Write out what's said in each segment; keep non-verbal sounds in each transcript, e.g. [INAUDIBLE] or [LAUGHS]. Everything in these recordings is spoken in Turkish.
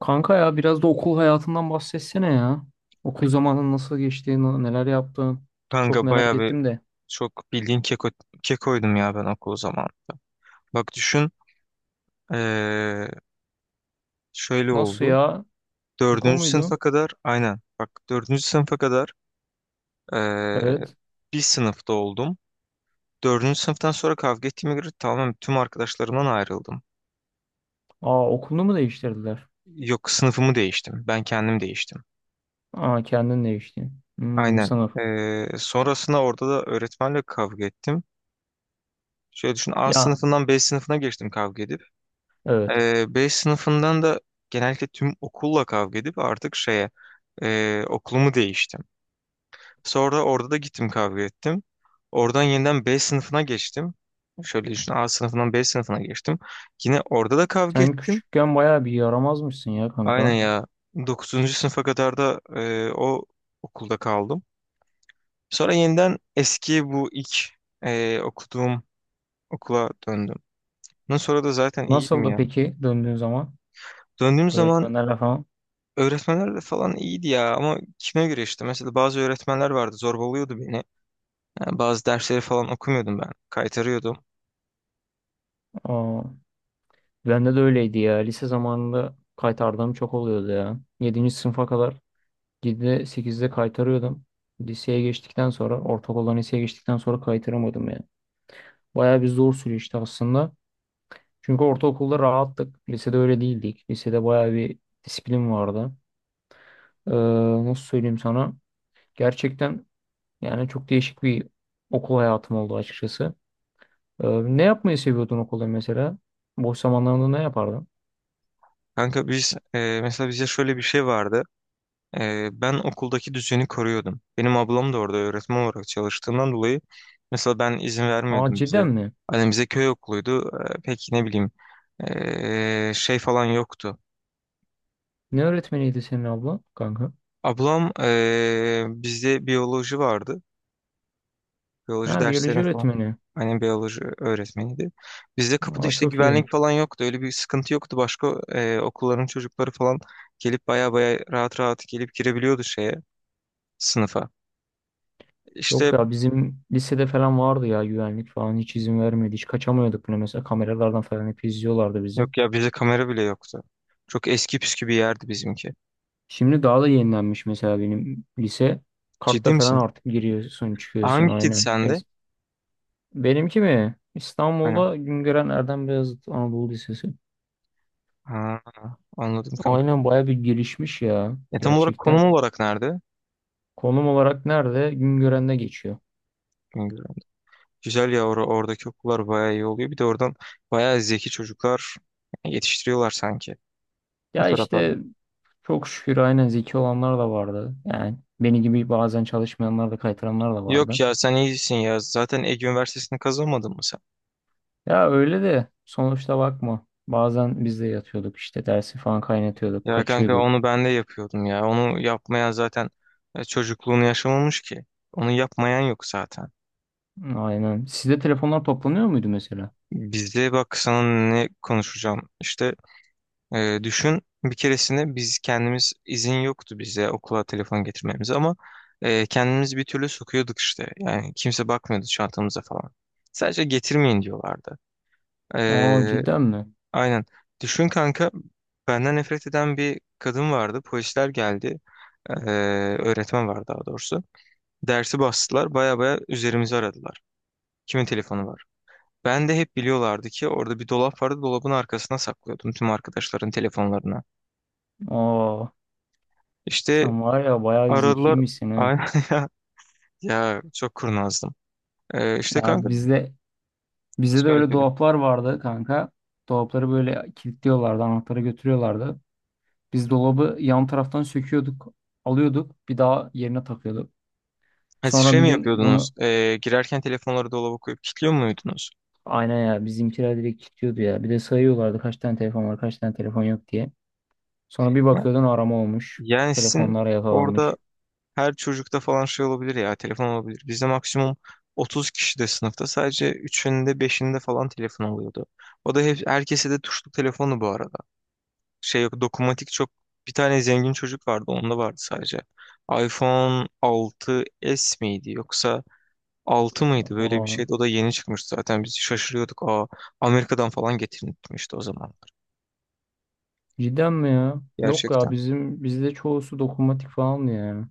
Kanka ya biraz da okul hayatından bahsetsene ya. Okul zamanın nasıl geçti, neler yaptın? Çok Kanka merak bayağı bir ettim de. çok bildiğin kekoydum ya ben okul zamanında. Bak düşün, eee, şöyle Nasıl oldu. ya? Keko Dördüncü muydu? sınıfa kadar aynen, bak, dördüncü sınıfa kadar eee, Evet. bir sınıfta oldum. Dördüncü sınıftan sonra kavga ettiğime göre tamamen tüm arkadaşlarımdan ayrıldım. Aa, okulunu mu değiştirdiler? Yok, sınıfımı değiştim. Ben kendim değiştim. Aa, kendin değiştin. Hmm, Aynen. sınıf. Sonrasında orada da öğretmenle kavga ettim. Şöyle düşün, A Ya, sınıfından B sınıfına geçtim kavga edip. evet. B sınıfından da genellikle tüm okulla kavga edip artık şeye, okulumu değiştim. Sonra orada da gittim, kavga ettim. Oradan yeniden B sınıfına geçtim. Şöyle düşün, A sınıfından B sınıfına geçtim. Yine orada da kavga Sen ettim. küçükken bayağı bir yaramazmışsın ya Aynen kanka. ya, 9. sınıfa kadar da o okulda kaldım. Sonra yeniden eski, bu ilk okuduğum okula döndüm. Bundan sonra da zaten iyiydim Nasıldı ya. peki döndüğün zaman? Döndüğüm zaman. Öğretmenlerle falan. Öğretmenler de falan iyiydi ya, ama kime göre işte. Mesela bazı öğretmenler vardı, zorbalıyordu beni. Yani bazı dersleri falan okumuyordum ben. Kaytarıyordum. Aa, bende de öyleydi ya. Lise zamanında kaytardığım çok oluyordu ya. Yedinci sınıfa kadar. 7'de 8'de kaytarıyordum. Liseye geçtikten sonra ortaokuldan liseye geçtikten sonra kaytaramadım yani. Bayağı bir zor süreçti aslında. Çünkü ortaokulda rahattık. Lisede öyle değildik. Lisede bayağı bir disiplin vardı. Ee, Nasıl söyleyeyim sana? Gerçekten yani çok değişik bir okul hayatım oldu açıkçası. Ee, Ne yapmayı seviyordun okulda mesela? Boş zamanlarında ne yapardın? Kanka biz, mesela bize şöyle bir şey vardı. Ben okuldaki düzeni koruyordum. Benim ablam da orada öğretmen olarak çalıştığından dolayı mesela ben izin Aa, vermiyordum cidden bize. mi? Hani bize köy okuluydu. Pek ne bileyim, şey falan yoktu. Ne öğretmeniydi senin abla kanka? Ablam, bizde biyoloji vardı. Biyoloji Ha, biyoloji derslerini falan. öğretmeni. Annem biyoloji öğretmeniydi. Bizde kapıda Aa, işte çok iyi. güvenlik falan yoktu. Öyle bir sıkıntı yoktu. Başka okulların çocukları falan gelip baya baya rahat rahat gelip girebiliyordu şeye, sınıfa. İşte, Yok ya bizim lisede falan vardı ya güvenlik falan hiç izin vermedi. Hiç kaçamıyorduk bile mesela kameralardan falan hep izliyorlardı bizi. yok ya, bizde kamera bile yoktu. Çok eski püskü bir yerdi bizimki. Şimdi daha da yenilenmiş mesela benim lise. Kartla Ciddi falan misin? artık giriyorsun çıkıyorsun Hangisiydi aynen. sende? Benimki mi? Hani, İstanbul'da Güngören Erdem Beyazıt Anadolu Lisesi. ha, anladım kanka. Aynen baya bir gelişmiş ya Tam olarak gerçekten. konum olarak nerede? Konum olarak nerede? Güngören'de geçiyor. Bilmiyorum. Güzel ya, oradaki okullar baya iyi oluyor. Bir de oradan baya zeki çocuklar yetiştiriyorlar sanki. O Ya taraflarda. işte çok şükür aynen zeki olanlar da vardı. Yani beni gibi bazen çalışmayanlar da kaytaranlar da Yok vardı. ya, sen iyisin ya. Zaten Ege Üniversitesi'ni kazanmadın mı sen? Ya öyle de sonuçta bakma. Bazen biz de yatıyorduk işte dersi falan kaynatıyorduk, Ya kanka, kaçıyorduk. onu ben de yapıyordum ya. Onu yapmayan zaten çocukluğunu yaşamamış ki. Onu yapmayan yok zaten. Aynen. Sizde telefonlar toplanıyor muydu mesela? Bizde bak sana ne konuşacağım. İşte, düşün, bir keresinde biz kendimiz, izin yoktu bize okula telefon getirmemize, ama kendimiz bir türlü sokuyorduk işte. Yani kimse bakmıyordu çantamıza falan. Sadece getirmeyin diyorlardı. E, Aa, cidden mi? Aynen. Düşün kanka, benden nefret eden bir kadın vardı. Polisler geldi. Ee, öğretmen var daha doğrusu. Dersi bastılar. Baya baya üzerimizi aradılar. Kimin telefonu var? Ben de, hep biliyorlardı ki orada bir dolap vardı. Dolabın arkasına saklıyordum tüm arkadaşların telefonlarını. Aa, İşte sen var ya bayağı bir aradılar. zekiymişsin he. Aynen [LAUGHS] ya. Ya çok kurnazdım. İşte Ya kanka, bizde de şöyle öyle söyleyeyim. dolaplar vardı kanka. Dolapları böyle kilitliyorlardı, anahtarı götürüyorlardı. Biz dolabı yan taraftan söküyorduk, alıyorduk, bir daha yerine takıyorduk. Ha, siz Sonra şey bir mi gün yapıyordunuz? bunu Girerken telefonları dolaba koyup kilitliyor muydunuz? aynen ya bizimkiler direkt kilitliyordu ya. Bir de sayıyorlardı kaç tane telefon var kaç tane telefon yok diye. Sonra bir Ya- bakıyordun arama olmuş. Yani sizin Telefonlar orada. yakalanmış. Her çocukta falan şey olabilir ya, telefon olabilir. Bizde maksimum 30 kişi de sınıfta, sadece 3'ünde 5'inde falan telefon oluyordu. O da hep, herkese de tuşlu telefonu bu arada. Şey, yok dokunmatik, çok, bir tane zengin çocuk vardı, onda vardı sadece. iPhone 6s miydi yoksa 6 mıydı, böyle bir Aa, şeydi. O da yeni çıkmıştı zaten, biz şaşırıyorduk. Aa, Amerika'dan falan getirilmişti o zamanlar, cidden mi ya? Yok ya gerçekten. bizim bizde çoğusu dokunmatik falan ya.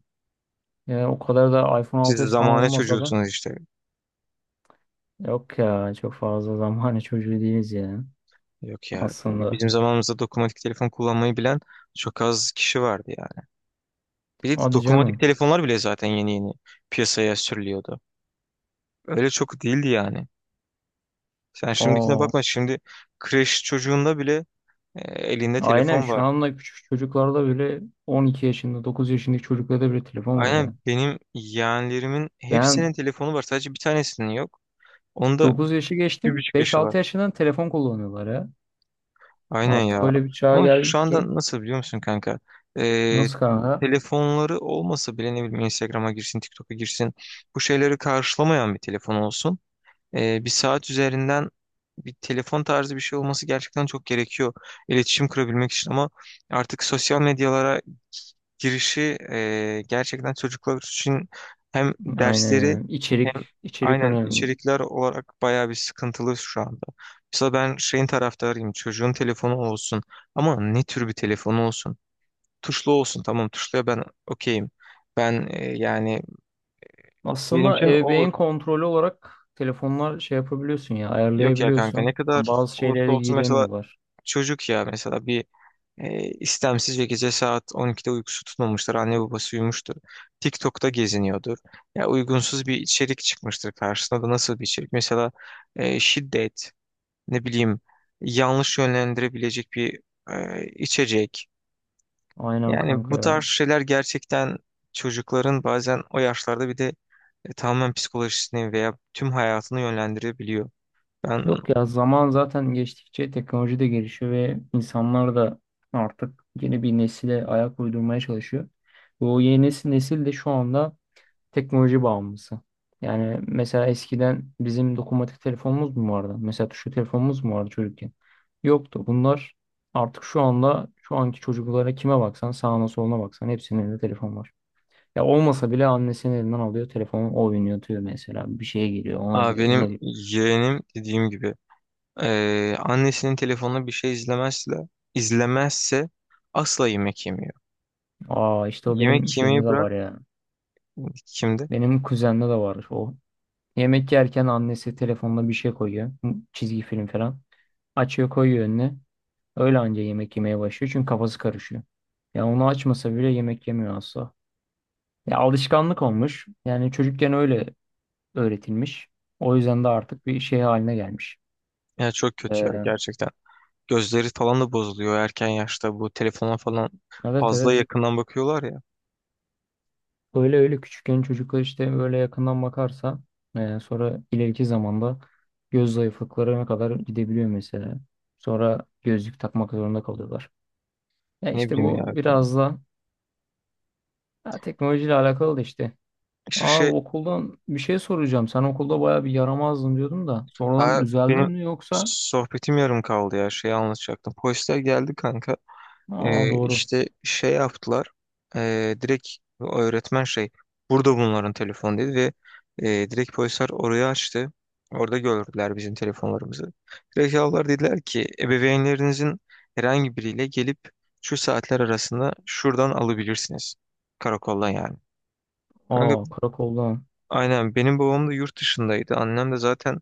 Yani o kadar da iPhone Siz de 6s falan zamane olmasa da çocuğusunuz işte. yok ya çok fazla zamanı [LAUGHS] çocuğu değiliz ya Yok ya. Kanka, aslında. bizim zamanımızda dokunmatik telefon kullanmayı bilen çok az kişi vardı yani. Bir de Hadi dokunmatik canım. telefonlar bile zaten yeni yeni piyasaya sürülüyordu. Öyle çok değildi yani. Sen şimdikine Aa, bakma. Şimdi kreş çocuğunda bile, e, elinde aynen telefon şu var. anda küçük çocuklarda bile 12 yaşında 9 yaşındaki çocuklarda bile telefon var ya. Aynen, benim yeğenlerimin Ben hepsinin telefonu var. Sadece bir tanesinin yok. Onda 9 yaşı bir geçtim. buçuk yaşı var. 5-6 yaşından telefon kullanıyorlar ya. Aynen Artık ya. öyle bir çağa Ama şu geldik ki. anda nasıl biliyor musun kanka? Ee, Nasıl kanka? telefonları olmasa bile, ne bileyim, Instagram'a girsin, TikTok'a girsin. Bu şeyleri karşılamayan bir telefon olsun. Bir saat üzerinden bir telefon tarzı bir şey olması gerçekten çok gerekiyor iletişim kurabilmek için, ama artık sosyal medyalara girişi, gerçekten çocuklar için hem Aynen dersleri, yani. İçerik, hem, içerik aynen, önemli. içerikler olarak bayağı bir sıkıntılı şu anda. Mesela ben şeyin taraftarıyım, çocuğun telefonu olsun, ama ne tür bir telefonu olsun? Tuşlu olsun, tamam, tuşluya ben okeyim. Ben, yani benim Aslında için olur. ebeveyn kontrolü olarak telefonlar şey yapabiliyorsun ya, Yok ya kanka, ayarlayabiliyorsun. ne Yani kadar bazı olursa şeylere olsun, mesela giremiyorlar. çocuk ya, mesela bir, istemsiz ve gece saat 12'de uykusu tutmamıştır. Anne babası uyumuştur. TikTok'ta geziniyordur. Ya uygunsuz bir içerik çıkmıştır karşısına, da nasıl bir içerik? Mesela şiddet, ne bileyim, yanlış yönlendirebilecek bir, içecek. Aynen Yani kanka bu ya. tarz şeyler gerçekten çocukların bazen o yaşlarda, bir de tamamen psikolojisini veya tüm hayatını yönlendirebiliyor. Ben, Yok ya zaman zaten geçtikçe teknoloji de gelişiyor ve insanlar da artık yeni bir nesile ayak uydurmaya çalışıyor. Ve o yeni nesil, nesil de şu anda teknoloji bağımlısı. Yani mesela eskiden bizim dokunmatik telefonumuz mu vardı? Mesela tuşlu telefonumuz mu vardı çocukken? Yoktu. Bunlar artık şu anda şu anki çocuklara kime baksan sağına soluna baksan hepsinin elinde telefon var. Ya olmasa bile annesinin elinden alıyor telefonu o oynatıyor mesela. Bir şeye giriyor ona aa, giriyor ona benim giriyor. yeğenim dediğim gibi. Annesinin telefonuna bir şey izlemezse, izlemezse asla yemek yemiyor. Aa, işte o benim Yemek şeyimde yemeyi de bırak, var ya. kimde? Benim kuzenimde de var o. Yemek yerken annesi telefonuna bir şey koyuyor. Çizgi film falan. Açıyor koyuyor önüne. Öyle anca yemek yemeye başlıyor çünkü kafası karışıyor. Ya onu açmasa bile yemek yemiyor asla. Ya alışkanlık olmuş. Yani çocukken öyle öğretilmiş. O yüzden de artık bir şey haline gelmiş. Ya çok kötü ya, Ee, gerçekten. Gözleri falan da bozuluyor erken yaşta, bu telefona falan evet, fazla evet. yakından bakıyorlar ya. Öyle öyle küçükken çocuklar işte böyle yakından bakarsa sonra ileriki zamanda göz zayıflıklarına kadar gidebiliyor mesela. Sonra gözlük takmak zorunda kalıyorlar. Ya Ne işte bileyim bu ya. biraz da ya teknolojiyle alakalı da işte. İşte Aa, şey, okuldan bir şey soracağım. Sen okulda bayağı bir yaramazdın diyordum da. ha, Sonradan düzeldin benim mi yoksa? sohbetim yarım kaldı ya, şeyi anlatacaktım. Polisler geldi kanka. Aa, doğru. İşte şey yaptılar. Direkt öğretmen şey, burada bunların telefonu, dedi ve direkt polisler orayı açtı. Orada gördüler bizim telefonlarımızı. Direkt aldılar, dediler ki ebeveynlerinizin herhangi biriyle gelip şu saatler arasında şuradan alabilirsiniz. Karakoldan yani. Kanka Aa, karakoldan. aynen, benim babam da yurt dışındaydı. Annem de zaten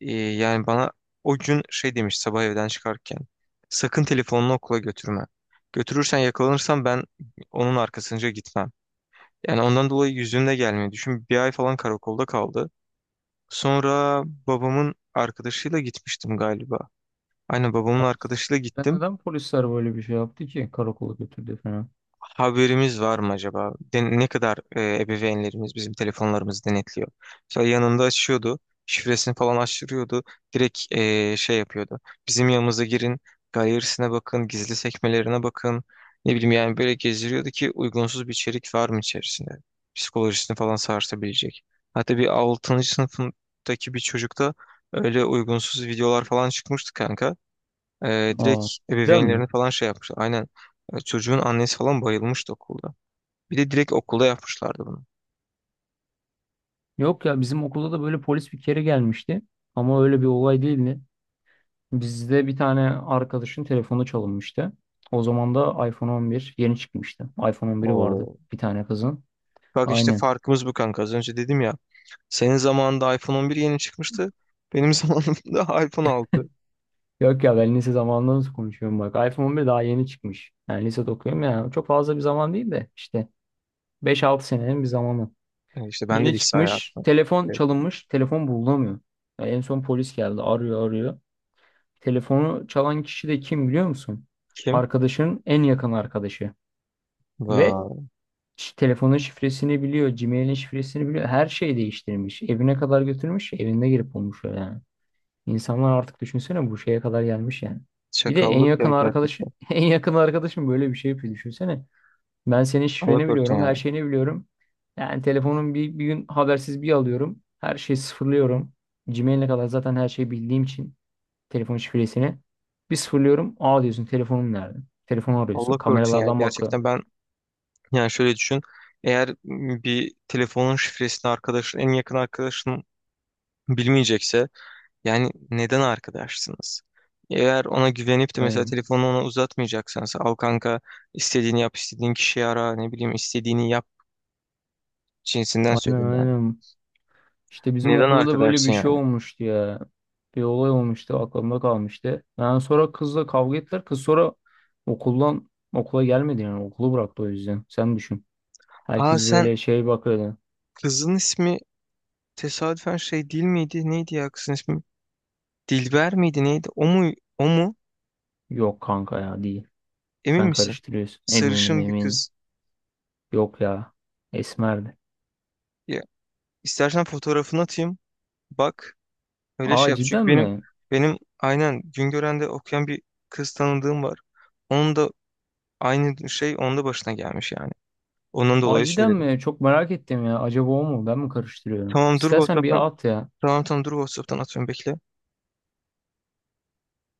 yani bana o gün şey demiş sabah evden çıkarken. Sakın telefonunu okula götürme. Götürürsen, yakalanırsam ben onun arkasınca gitmem. Yani ondan dolayı yüzümle gelmiyor. Düşün bir ay falan karakolda kaldı. Sonra babamın arkadaşıyla gitmiştim galiba. Aynen babamın arkadaşıyla Sen gittim. neden polisler böyle bir şey yaptı ki? Karakola götürdü falan. Haberimiz var mı acaba? Ne kadar ebeveynlerimiz bizim telefonlarımızı denetliyor? Mesela yanında açıyordu, şifresini falan açtırıyordu, direkt, şey yapıyordu. Bizim yanımıza girin, galerisine bakın, gizli sekmelerine bakın. Ne bileyim, yani böyle gezdiriyordu ki uygunsuz bir içerik var mı içerisinde? Psikolojisini falan sarsabilecek. Hatta bir 6. sınıfındaki bir çocukta öyle uygunsuz videolar falan çıkmıştı kanka. Direkt Aa, cidden mi? ebeveynlerini falan şey yapmışlar. Aynen. Çocuğun annesi falan bayılmıştı okulda. Bir de direkt okulda yapmışlardı bunu. Yok ya bizim okulda da böyle polis bir kere gelmişti. Ama öyle bir olay değildi. Bizde bir tane arkadaşın telefonu çalınmıştı. O zaman da iPhone 11 yeni çıkmıştı. iPhone 11'i vardı Oo. bir tane kızın. Bak işte Aynen. farkımız bu kanka. Az önce dedim ya. Senin zamanında iPhone 11 yeni çıkmıştı. Benim [LAUGHS] zamanımda iPhone 6. Yok ya ben lise zamanında nasıl konuşuyorum bak. iPhone 11 daha yeni çıkmış. Yani lisede okuyorum ya. Çok fazla bir zaman değil de işte 5-6 senenin bir zamanı. İşte ben de Yeni lise çıkmış. hayatı. Telefon çalınmış. Telefon bulunamıyor. Ya en son polis geldi. Arıyor arıyor. Telefonu çalan kişi de kim biliyor musun? Kim? Arkadaşının en yakın arkadaşı. Ve Vay. Telefonun şifresini biliyor. Gmail'in şifresini biliyor. Her şeyi değiştirmiş. Evine kadar götürmüş. Evinde girip bulmuş öyle yani. İnsanlar artık düşünsene bu şeye kadar gelmiş yani. Bir de en Çakallık ya yakın arkadaşı, gerçekten. [LAUGHS] en yakın arkadaşım böyle bir şey yapıyor düşünsene. Ben senin Allah şifreni korusun biliyorum, ya. her şeyini biliyorum. Yani telefonun bir gün habersiz bir alıyorum. Her şeyi sıfırlıyorum. Gmail'e kadar zaten her şeyi bildiğim için telefon şifresini. Bir sıfırlıyorum. Aa, diyorsun telefonum nerede? Telefonu arıyorsun. Allah korusun ya. Kameralardan bakıyor. Gerçekten ben, yani şöyle düşün. Eğer bir telefonun şifresini arkadaşın, en yakın arkadaşın bilmeyecekse, yani neden arkadaşsınız? Eğer ona güvenip de mesela Aynen. telefonu ona uzatmayacaksan sen, al kanka, istediğini yap, istediğin kişiyi ara, ne bileyim, istediğini yap cinsinden Aynen, söylüyorum yani. aynen. İşte bizim Neden okulda da böyle bir arkadaşsın şey yani? olmuştu ya. Bir olay olmuştu aklımda kalmıştı. Yani sonra kızla kavga ettiler. Kız sonra okuldan okula gelmedi yani okulu bıraktı o yüzden. Sen düşün. Ha, Herkes sen, böyle şey bakıyordu. kızın ismi tesadüfen şey değil miydi? Neydi ya kızın ismi? Dilber miydi neydi? O mu? O mu? Yok kanka ya değil. Emin Sen misin? karıştırıyorsun. Eminim, Sarışın bir eminim. kız. Yok ya. Esmerdi. Ya istersen fotoğrafını atayım. Bak öyle Aa, şey yap. Çünkü cidden mi? benim aynen Güngören'de okuyan bir kız tanıdığım var. Onun da. Aynı şey onun da başına gelmiş yani. Onun Aa, dolayı cidden söyledim. mi? Çok merak ettim ya. Acaba o mu? Ben mi karıştırıyorum? Tamam dur İstersen WhatsApp'tan. bir at ya. Tamam tamam dur WhatsApp'tan atıyorum bekle.